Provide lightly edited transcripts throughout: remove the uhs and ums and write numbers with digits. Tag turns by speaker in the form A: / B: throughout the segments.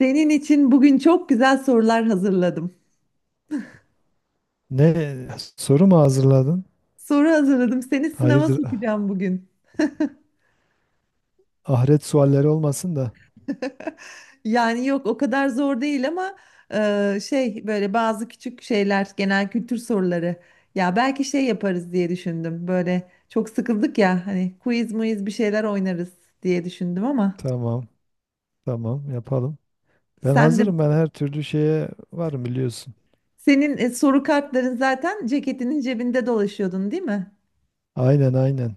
A: Senin için bugün çok güzel sorular hazırladım.
B: Ne soru mu hazırladın?
A: Soru hazırladım. Seni sınava
B: Hayırdır?
A: sokacağım bugün.
B: Ahiret sualleri olmasın da.
A: Yani yok, o kadar zor değil ama şey, böyle bazı küçük şeyler, genel kültür soruları. Ya belki şey yaparız diye düşündüm. Böyle çok sıkıldık ya, hani quiz muiz bir şeyler oynarız diye düşündüm ama
B: Tamam, tamam yapalım. Ben
A: sen de
B: hazırım. Ben her türlü şeye varım biliyorsun.
A: senin soru kartların zaten ceketinin cebinde dolaşıyordun, değil mi?
B: Aynen, aynen.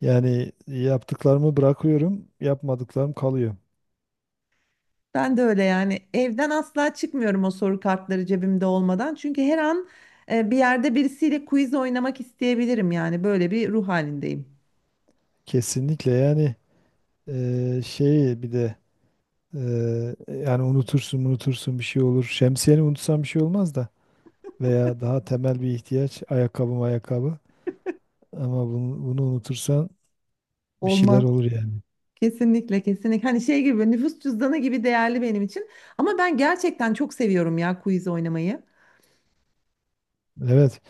B: Yani yaptıklarımı bırakıyorum, yapmadıklarım kalıyor.
A: Ben de öyle yani, evden asla çıkmıyorum o soru kartları cebimde olmadan. Çünkü her an bir yerde birisiyle quiz oynamak isteyebilirim, yani böyle bir ruh halindeyim.
B: Kesinlikle yani şeyi bir de yani unutursun bir şey olur. Şemsiyeni unutsam bir şey olmaz da veya daha temel bir ihtiyaç ayakkabı ayakkabı. Ama bunu unutursan bir şeyler
A: Olmaz.
B: olur yani.
A: Kesinlikle kesinlikle. Hani şey gibi, nüfus cüzdanı gibi değerli benim için. Ama ben gerçekten çok seviyorum ya quiz oynamayı.
B: Evet.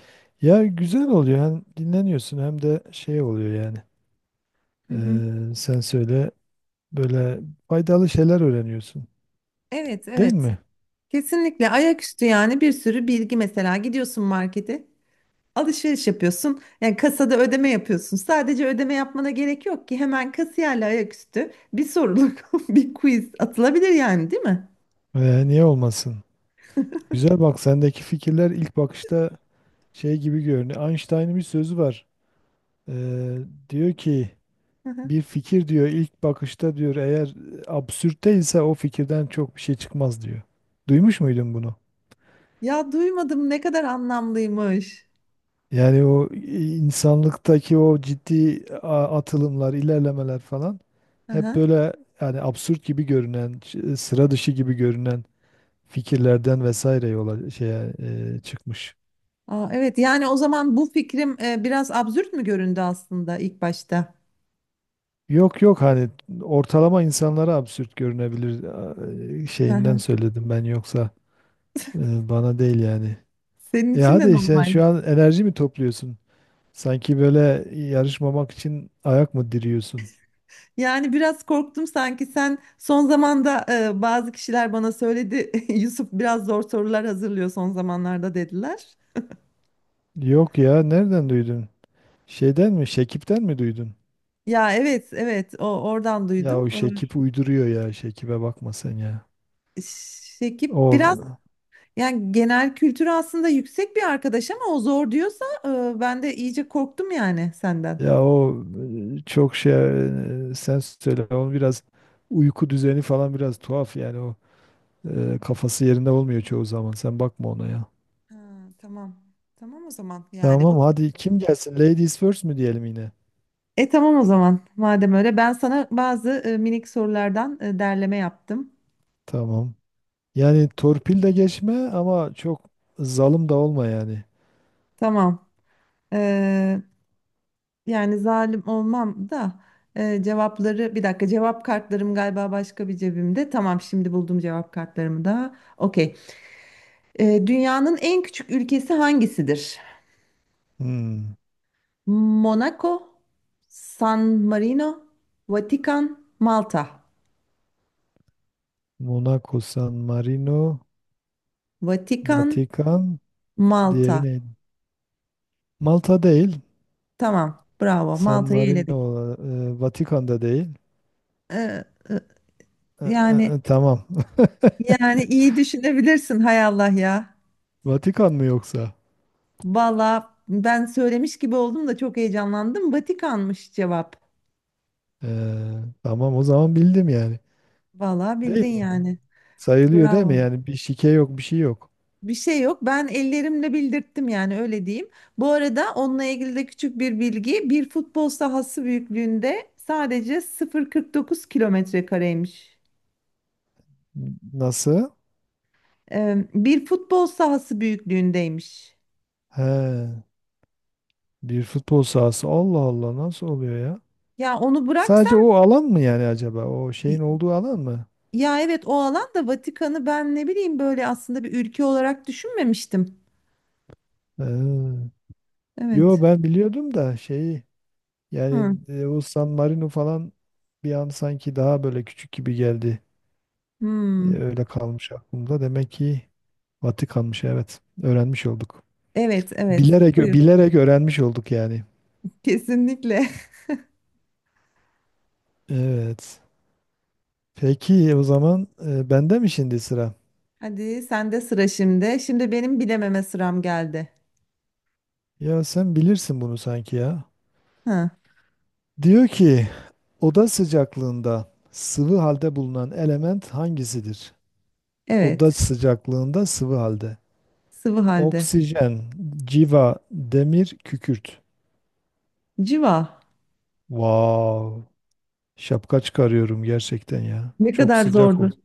B: Ya güzel oluyor. Hem dinleniyorsun hem de şey oluyor yani.
A: Hı
B: Ee,
A: hı.
B: sen söyle böyle faydalı şeyler öğreniyorsun.
A: Evet,
B: Değil
A: evet.
B: mi?
A: Kesinlikle ayaküstü, yani bir sürü bilgi. Mesela gidiyorsun markete, alışveriş yapıyorsun. Yani kasada ödeme yapıyorsun. Sadece ödeme yapmana gerek yok ki. Hemen kasiyerle ayaküstü bir soruluk bir quiz atılabilir yani, değil mi?
B: Niye olmasın? Güzel bak sendeki fikirler ilk bakışta şey gibi görünüyor. Einstein'ın bir sözü var. Ee, diyor ki
A: Hı hı.
B: bir fikir diyor ilk bakışta diyor eğer absürtte ise o fikirden çok bir şey çıkmaz diyor. Duymuş muydun bunu?
A: Ya duymadım, ne kadar anlamlıymış.
B: Yani o insanlıktaki o ciddi atılımlar, ilerlemeler falan
A: Hı
B: hep
A: hı.
B: böyle yani absürt gibi görünen, sıra dışı gibi görünen fikirlerden vesaire yola şeye çıkmış.
A: Aa, evet, yani o zaman bu fikrim biraz absürt mü göründü aslında ilk başta?
B: Yok yok hani ortalama insanlara absürt görünebilir
A: Hı
B: şeyinden
A: hı.
B: söyledim ben yoksa bana değil yani.
A: Senin
B: E
A: için de
B: hadi sen
A: normal.
B: şu an enerji mi topluyorsun? Sanki böyle yarışmamak için ayak mı diriyorsun?
A: Yani biraz korktum, sanki sen son zamanda bazı kişiler bana söyledi. Yusuf biraz zor sorular hazırlıyor son zamanlarda dediler.
B: Yok ya nereden duydun? Şeyden mi? Şekip'ten mi duydun?
A: Ya evet, evet, o oradan
B: Ya
A: duydum.
B: o Şekip uyduruyor ya. Şekip'e bakma sen ya.
A: Şekip biraz,
B: O
A: yani genel kültürü aslında yüksek bir arkadaş ama o zor diyorsa ben de iyice korktum yani senden.
B: o çok şey Sen söyle. Onun biraz uyku düzeni falan biraz tuhaf yani o kafası yerinde olmuyor çoğu zaman. Sen bakma ona ya.
A: Ha, tamam. Tamam o zaman yani.
B: Tamam hadi kim gelsin? Ladies first mi diyelim yine?
A: E tamam o zaman. Madem öyle ben sana bazı minik sorulardan derleme yaptım.
B: Tamam. Yani torpil de geçme ama çok zalim da olma yani.
A: Tamam. Ee, yani zalim olmam da cevapları, bir dakika, cevap kartlarım galiba başka bir cebimde. Tamam, şimdi buldum cevap kartlarımı da. Okey. Dünyanın en küçük ülkesi hangisidir?
B: Hmm.
A: Monaco, San Marino, Vatikan, Malta.
B: Monaco, San Marino,
A: Vatikan,
B: Vatikan, diğeri
A: Malta.
B: neydi? Malta değil.
A: Tamam, bravo.
B: San
A: Malta'yı eledik.
B: Marino, Vatikan'da değil.
A: Ee, e,
B: E, e,
A: yani
B: e, tamam.
A: yani iyi düşünebilirsin, hay Allah ya.
B: Vatikan mı yoksa?
A: Valla ben söylemiş gibi oldum da çok heyecanlandım. Vatikan'mış cevap.
B: E, tamam o zaman bildim yani.
A: Valla
B: Değil
A: bildin
B: mi?
A: yani.
B: Sayılıyor değil mi?
A: Bravo.
B: Yani bir şike yok, bir şey yok.
A: Bir şey yok. Ben ellerimle bildirttim yani, öyle diyeyim. Bu arada onunla ilgili de küçük bir bilgi. Bir futbol sahası büyüklüğünde, sadece 0,49 kilometre kareymiş.
B: Nasıl?
A: Bir futbol sahası büyüklüğündeymiş.
B: He, bir futbol sahası. Allah Allah nasıl oluyor ya?
A: Ya onu
B: Sadece
A: bıraksam,
B: o alan mı yani acaba? O şeyin olduğu alan mı?
A: ya evet, o alan da Vatikan'ı ben ne bileyim, böyle aslında bir ülke olarak düşünmemiştim.
B: He. Yo
A: Evet.
B: ben biliyordum da şeyi yani
A: Hı.
B: o San Marino falan bir an sanki daha böyle küçük gibi geldi. E,
A: Hmm.
B: Öyle kalmış aklımda. Demek ki Vatikan'mış evet. Öğrenmiş olduk.
A: Evet, evet.
B: Bilerek
A: Buyur.
B: bilerek öğrenmiş olduk yani.
A: Kesinlikle.
B: Evet. Peki o zaman bende mi şimdi sıra?
A: Hadi sende sıra şimdi. Şimdi benim bilememe sıram geldi.
B: Ya sen bilirsin bunu sanki ya.
A: Hı.
B: Diyor ki oda sıcaklığında sıvı halde bulunan element hangisidir? Oda
A: Evet,
B: sıcaklığında sıvı halde.
A: sıvı halde.
B: Oksijen, civa, demir, kükürt.
A: Civa.
B: Wow. Şapka çıkarıyorum gerçekten ya.
A: Ne
B: Çok
A: kadar
B: sıcak
A: zordu.
B: oldu.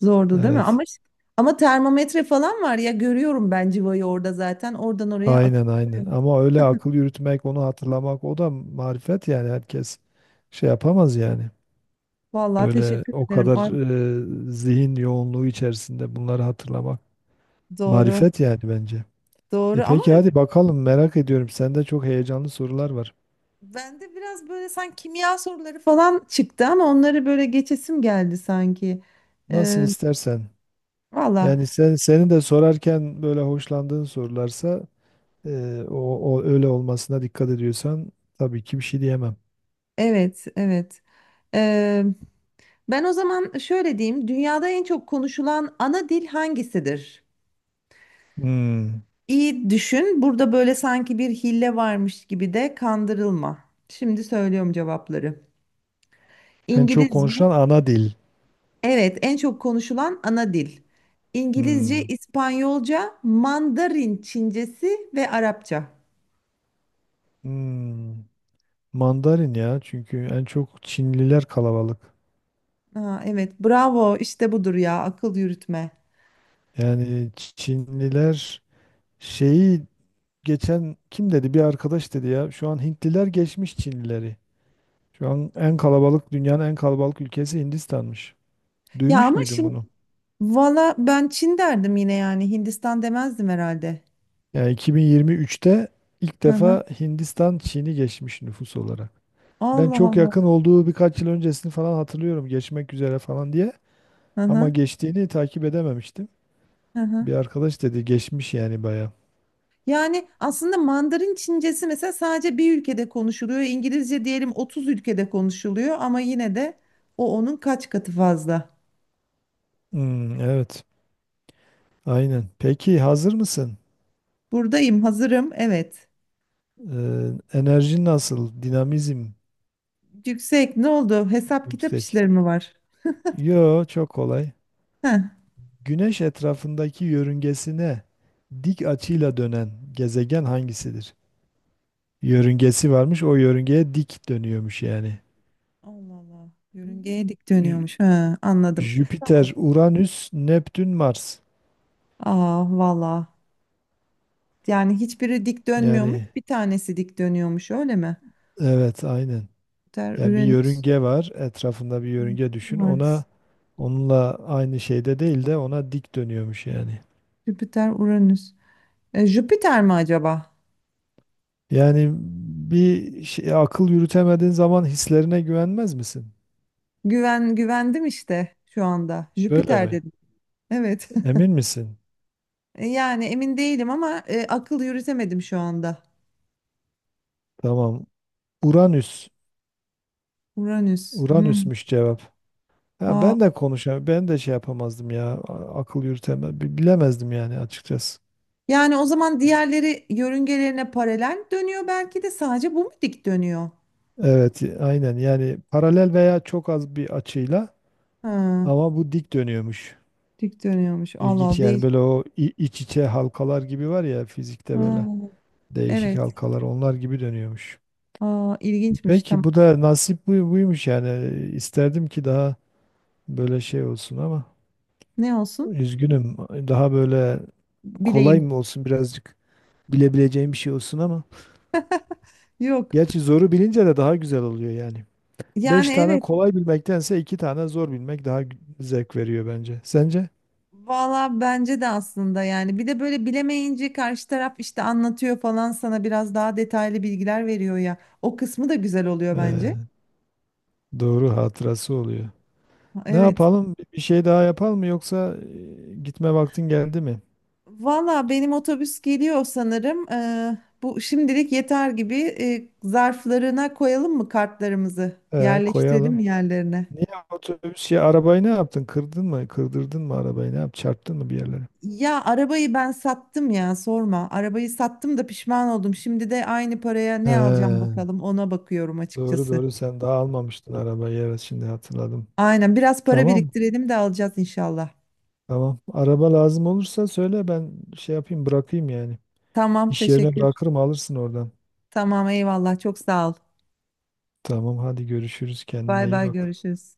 A: Zordu, değil mi?
B: Evet.
A: Ama işte, ama termometre falan var ya, görüyorum ben civayı orada zaten. Oradan oraya akıp
B: Aynen aynen.
A: duruyor.
B: Ama öyle akıl yürütmek, onu hatırlamak o da marifet yani herkes şey yapamaz yani.
A: Vallahi
B: Böyle
A: teşekkür
B: o
A: ederim.
B: kadar
A: Ay,
B: zihin yoğunluğu içerisinde bunları hatırlamak
A: doğru.
B: marifet yani bence. E
A: Doğru ama
B: peki hadi bakalım merak ediyorum. Sende çok heyecanlı sorular var.
A: bende biraz böyle sanki kimya soruları falan çıktı ama onları böyle geçesim geldi sanki.
B: Nasıl
A: Ee,
B: istersen.
A: valla
B: Yani senin de sorarken böyle hoşlandığın sorularsa e, o, o öyle olmasına dikkat ediyorsan tabii ki bir şey diyemem.
A: evet, evet. Ee, ben o zaman şöyle diyeyim. Dünyada en çok konuşulan ana dil hangisidir?
B: Hmm.
A: İyi düşün. Burada böyle sanki bir hile varmış gibi de kandırılma. Şimdi söylüyorum cevapları.
B: En çok
A: İngilizce,
B: konuşulan ana dil.
A: evet, en çok konuşulan ana dil. İngilizce,
B: Hmm.
A: İspanyolca, Mandarin Çincesi ve Arapça.
B: Hmm. Mandarin ya çünkü en çok Çinliler kalabalık.
A: Ha, evet, bravo, işte budur ya, akıl yürütme.
B: Yani Çinliler şeyi geçen kim dedi bir arkadaş dedi ya şu an Hintliler geçmiş Çinlileri. Şu an en kalabalık dünyanın en kalabalık ülkesi Hindistan'mış.
A: Ya
B: Duymuş
A: ama
B: muydun
A: şimdi
B: bunu?
A: valla ben Çin derdim yine, yani Hindistan demezdim herhalde.
B: Yani 2023'te ilk
A: Hı hı.
B: defa Hindistan Çin'i geçmiş nüfus olarak. Ben
A: Allah
B: çok
A: Allah.
B: yakın olduğu birkaç yıl öncesini falan hatırlıyorum geçmek üzere falan diye
A: Hı
B: ama
A: hı.
B: geçtiğini takip edememiştim.
A: Hı hı.
B: Bir arkadaş dedi geçmiş yani baya.
A: Yani aslında Mandarin Çincesi mesela sadece bir ülkede konuşuluyor. İngilizce diyelim 30 ülkede konuşuluyor ama yine de o onun kaç katı fazla.
B: Hmm, evet. Aynen. Peki hazır mısın?
A: Buradayım, hazırım. Evet.
B: Ee, enerji nasıl? Dinamizm
A: Yüksek ne oldu? Hesap kitap
B: yüksek.
A: işleri mi var?
B: Yo çok kolay.
A: Heh.
B: Güneş etrafındaki yörüngesine dik açıyla dönen gezegen hangisidir? Yörüngesi varmış, o yörüngeye dik dönüyormuş yani.
A: Allah Allah. Yörüngeye dik
B: Jü-
A: dönüyormuş. Ha, anladım.
B: Jüpiter, Uranüs, Neptün, Mars.
A: Aa valla. Yani hiçbiri dik dönmüyormuş.
B: Yani
A: Bir tanesi dik dönüyormuş öyle mi?
B: evet aynen.
A: Jüpiter,
B: Yani bir
A: Uranüs,
B: yörünge var, etrafında bir yörünge düşün.
A: Mars,
B: Onunla aynı şeyde değil de ona dik dönüyormuş yani.
A: Jüpiter, Uranüs. Jüpiter mi acaba?
B: Yani bir şey, akıl yürütemediğin zaman hislerine güvenmez misin?
A: Güven güvendim işte şu anda.
B: Böyle
A: Jüpiter
B: mi?
A: dedim. Evet.
B: Emin misin?
A: Yani emin değilim ama akıl yürütemedim şu anda.
B: Tamam. Uranüs.
A: Uranüs. Hmm.
B: Uranüsmüş cevap. Ha,
A: Aa,
B: ben de konuşam, ben de şey yapamazdım ya. Akıl yürütemem, bilemezdim yani açıkçası.
A: yani o zaman diğerleri yörüngelerine paralel dönüyor, belki de sadece bu mu dik dönüyor?
B: Evet, aynen. Yani paralel veya çok az bir açıyla
A: Ha,
B: ama bu dik dönüyormuş.
A: dik dönüyormuş. Allah
B: İlginç
A: Allah,
B: yani
A: değil.
B: böyle o iç içe halkalar gibi var ya fizikte
A: Ha,
B: böyle değişik
A: evet.
B: halkalar onlar gibi dönüyormuş.
A: Aa, ilginçmiş. Tamam.
B: Peki bu da nasip buymuş yani. İsterdim ki daha böyle şey olsun ama
A: Ne olsun?
B: üzgünüm. Daha böyle kolay
A: Bileyim.
B: mı olsun birazcık bilebileceğim bir şey olsun ama.
A: Yok.
B: Gerçi zoru bilince de daha güzel oluyor yani. Beş
A: Yani
B: tane
A: evet.
B: kolay bilmektense iki tane zor bilmek daha zevk veriyor bence. Sence?
A: Valla bence de aslında, yani bir de böyle bilemeyince karşı taraf işte anlatıyor falan, sana biraz daha detaylı bilgiler veriyor ya. O kısmı da güzel oluyor bence.
B: Ee, doğru hatırası oluyor. Ne
A: Evet.
B: yapalım? Bir şey daha yapalım mı yoksa gitme vaktin geldi mi?
A: Valla benim otobüs geliyor sanırım. Bu şimdilik yeter gibi. Zarflarına koyalım mı kartlarımızı?
B: Ee,
A: Yerleştirelim
B: koyalım.
A: yerlerine?
B: Niye otobüs ya arabayı ne yaptın? Kırdın mı? Kırdırdın mı arabayı? Ne yap? Çarptın mı bir yerlere?
A: Ya arabayı ben sattım ya, sorma. Arabayı sattım da pişman oldum. Şimdi de aynı paraya
B: He,
A: ne alacağım, bakalım ona bakıyorum
B: doğru
A: açıkçası.
B: doğru sen daha almamıştın arabayı. Evet şimdi hatırladım.
A: Aynen, biraz para
B: Tamam.
A: biriktirelim de alacağız inşallah.
B: Tamam. Araba lazım olursa söyle ben şey yapayım bırakayım yani.
A: Tamam,
B: İş yerine
A: teşekkür.
B: bırakırım alırsın oradan.
A: Tamam, eyvallah, çok sağ ol.
B: Tamam hadi görüşürüz.
A: Bay
B: Kendine iyi
A: bay,
B: bak.
A: görüşürüz.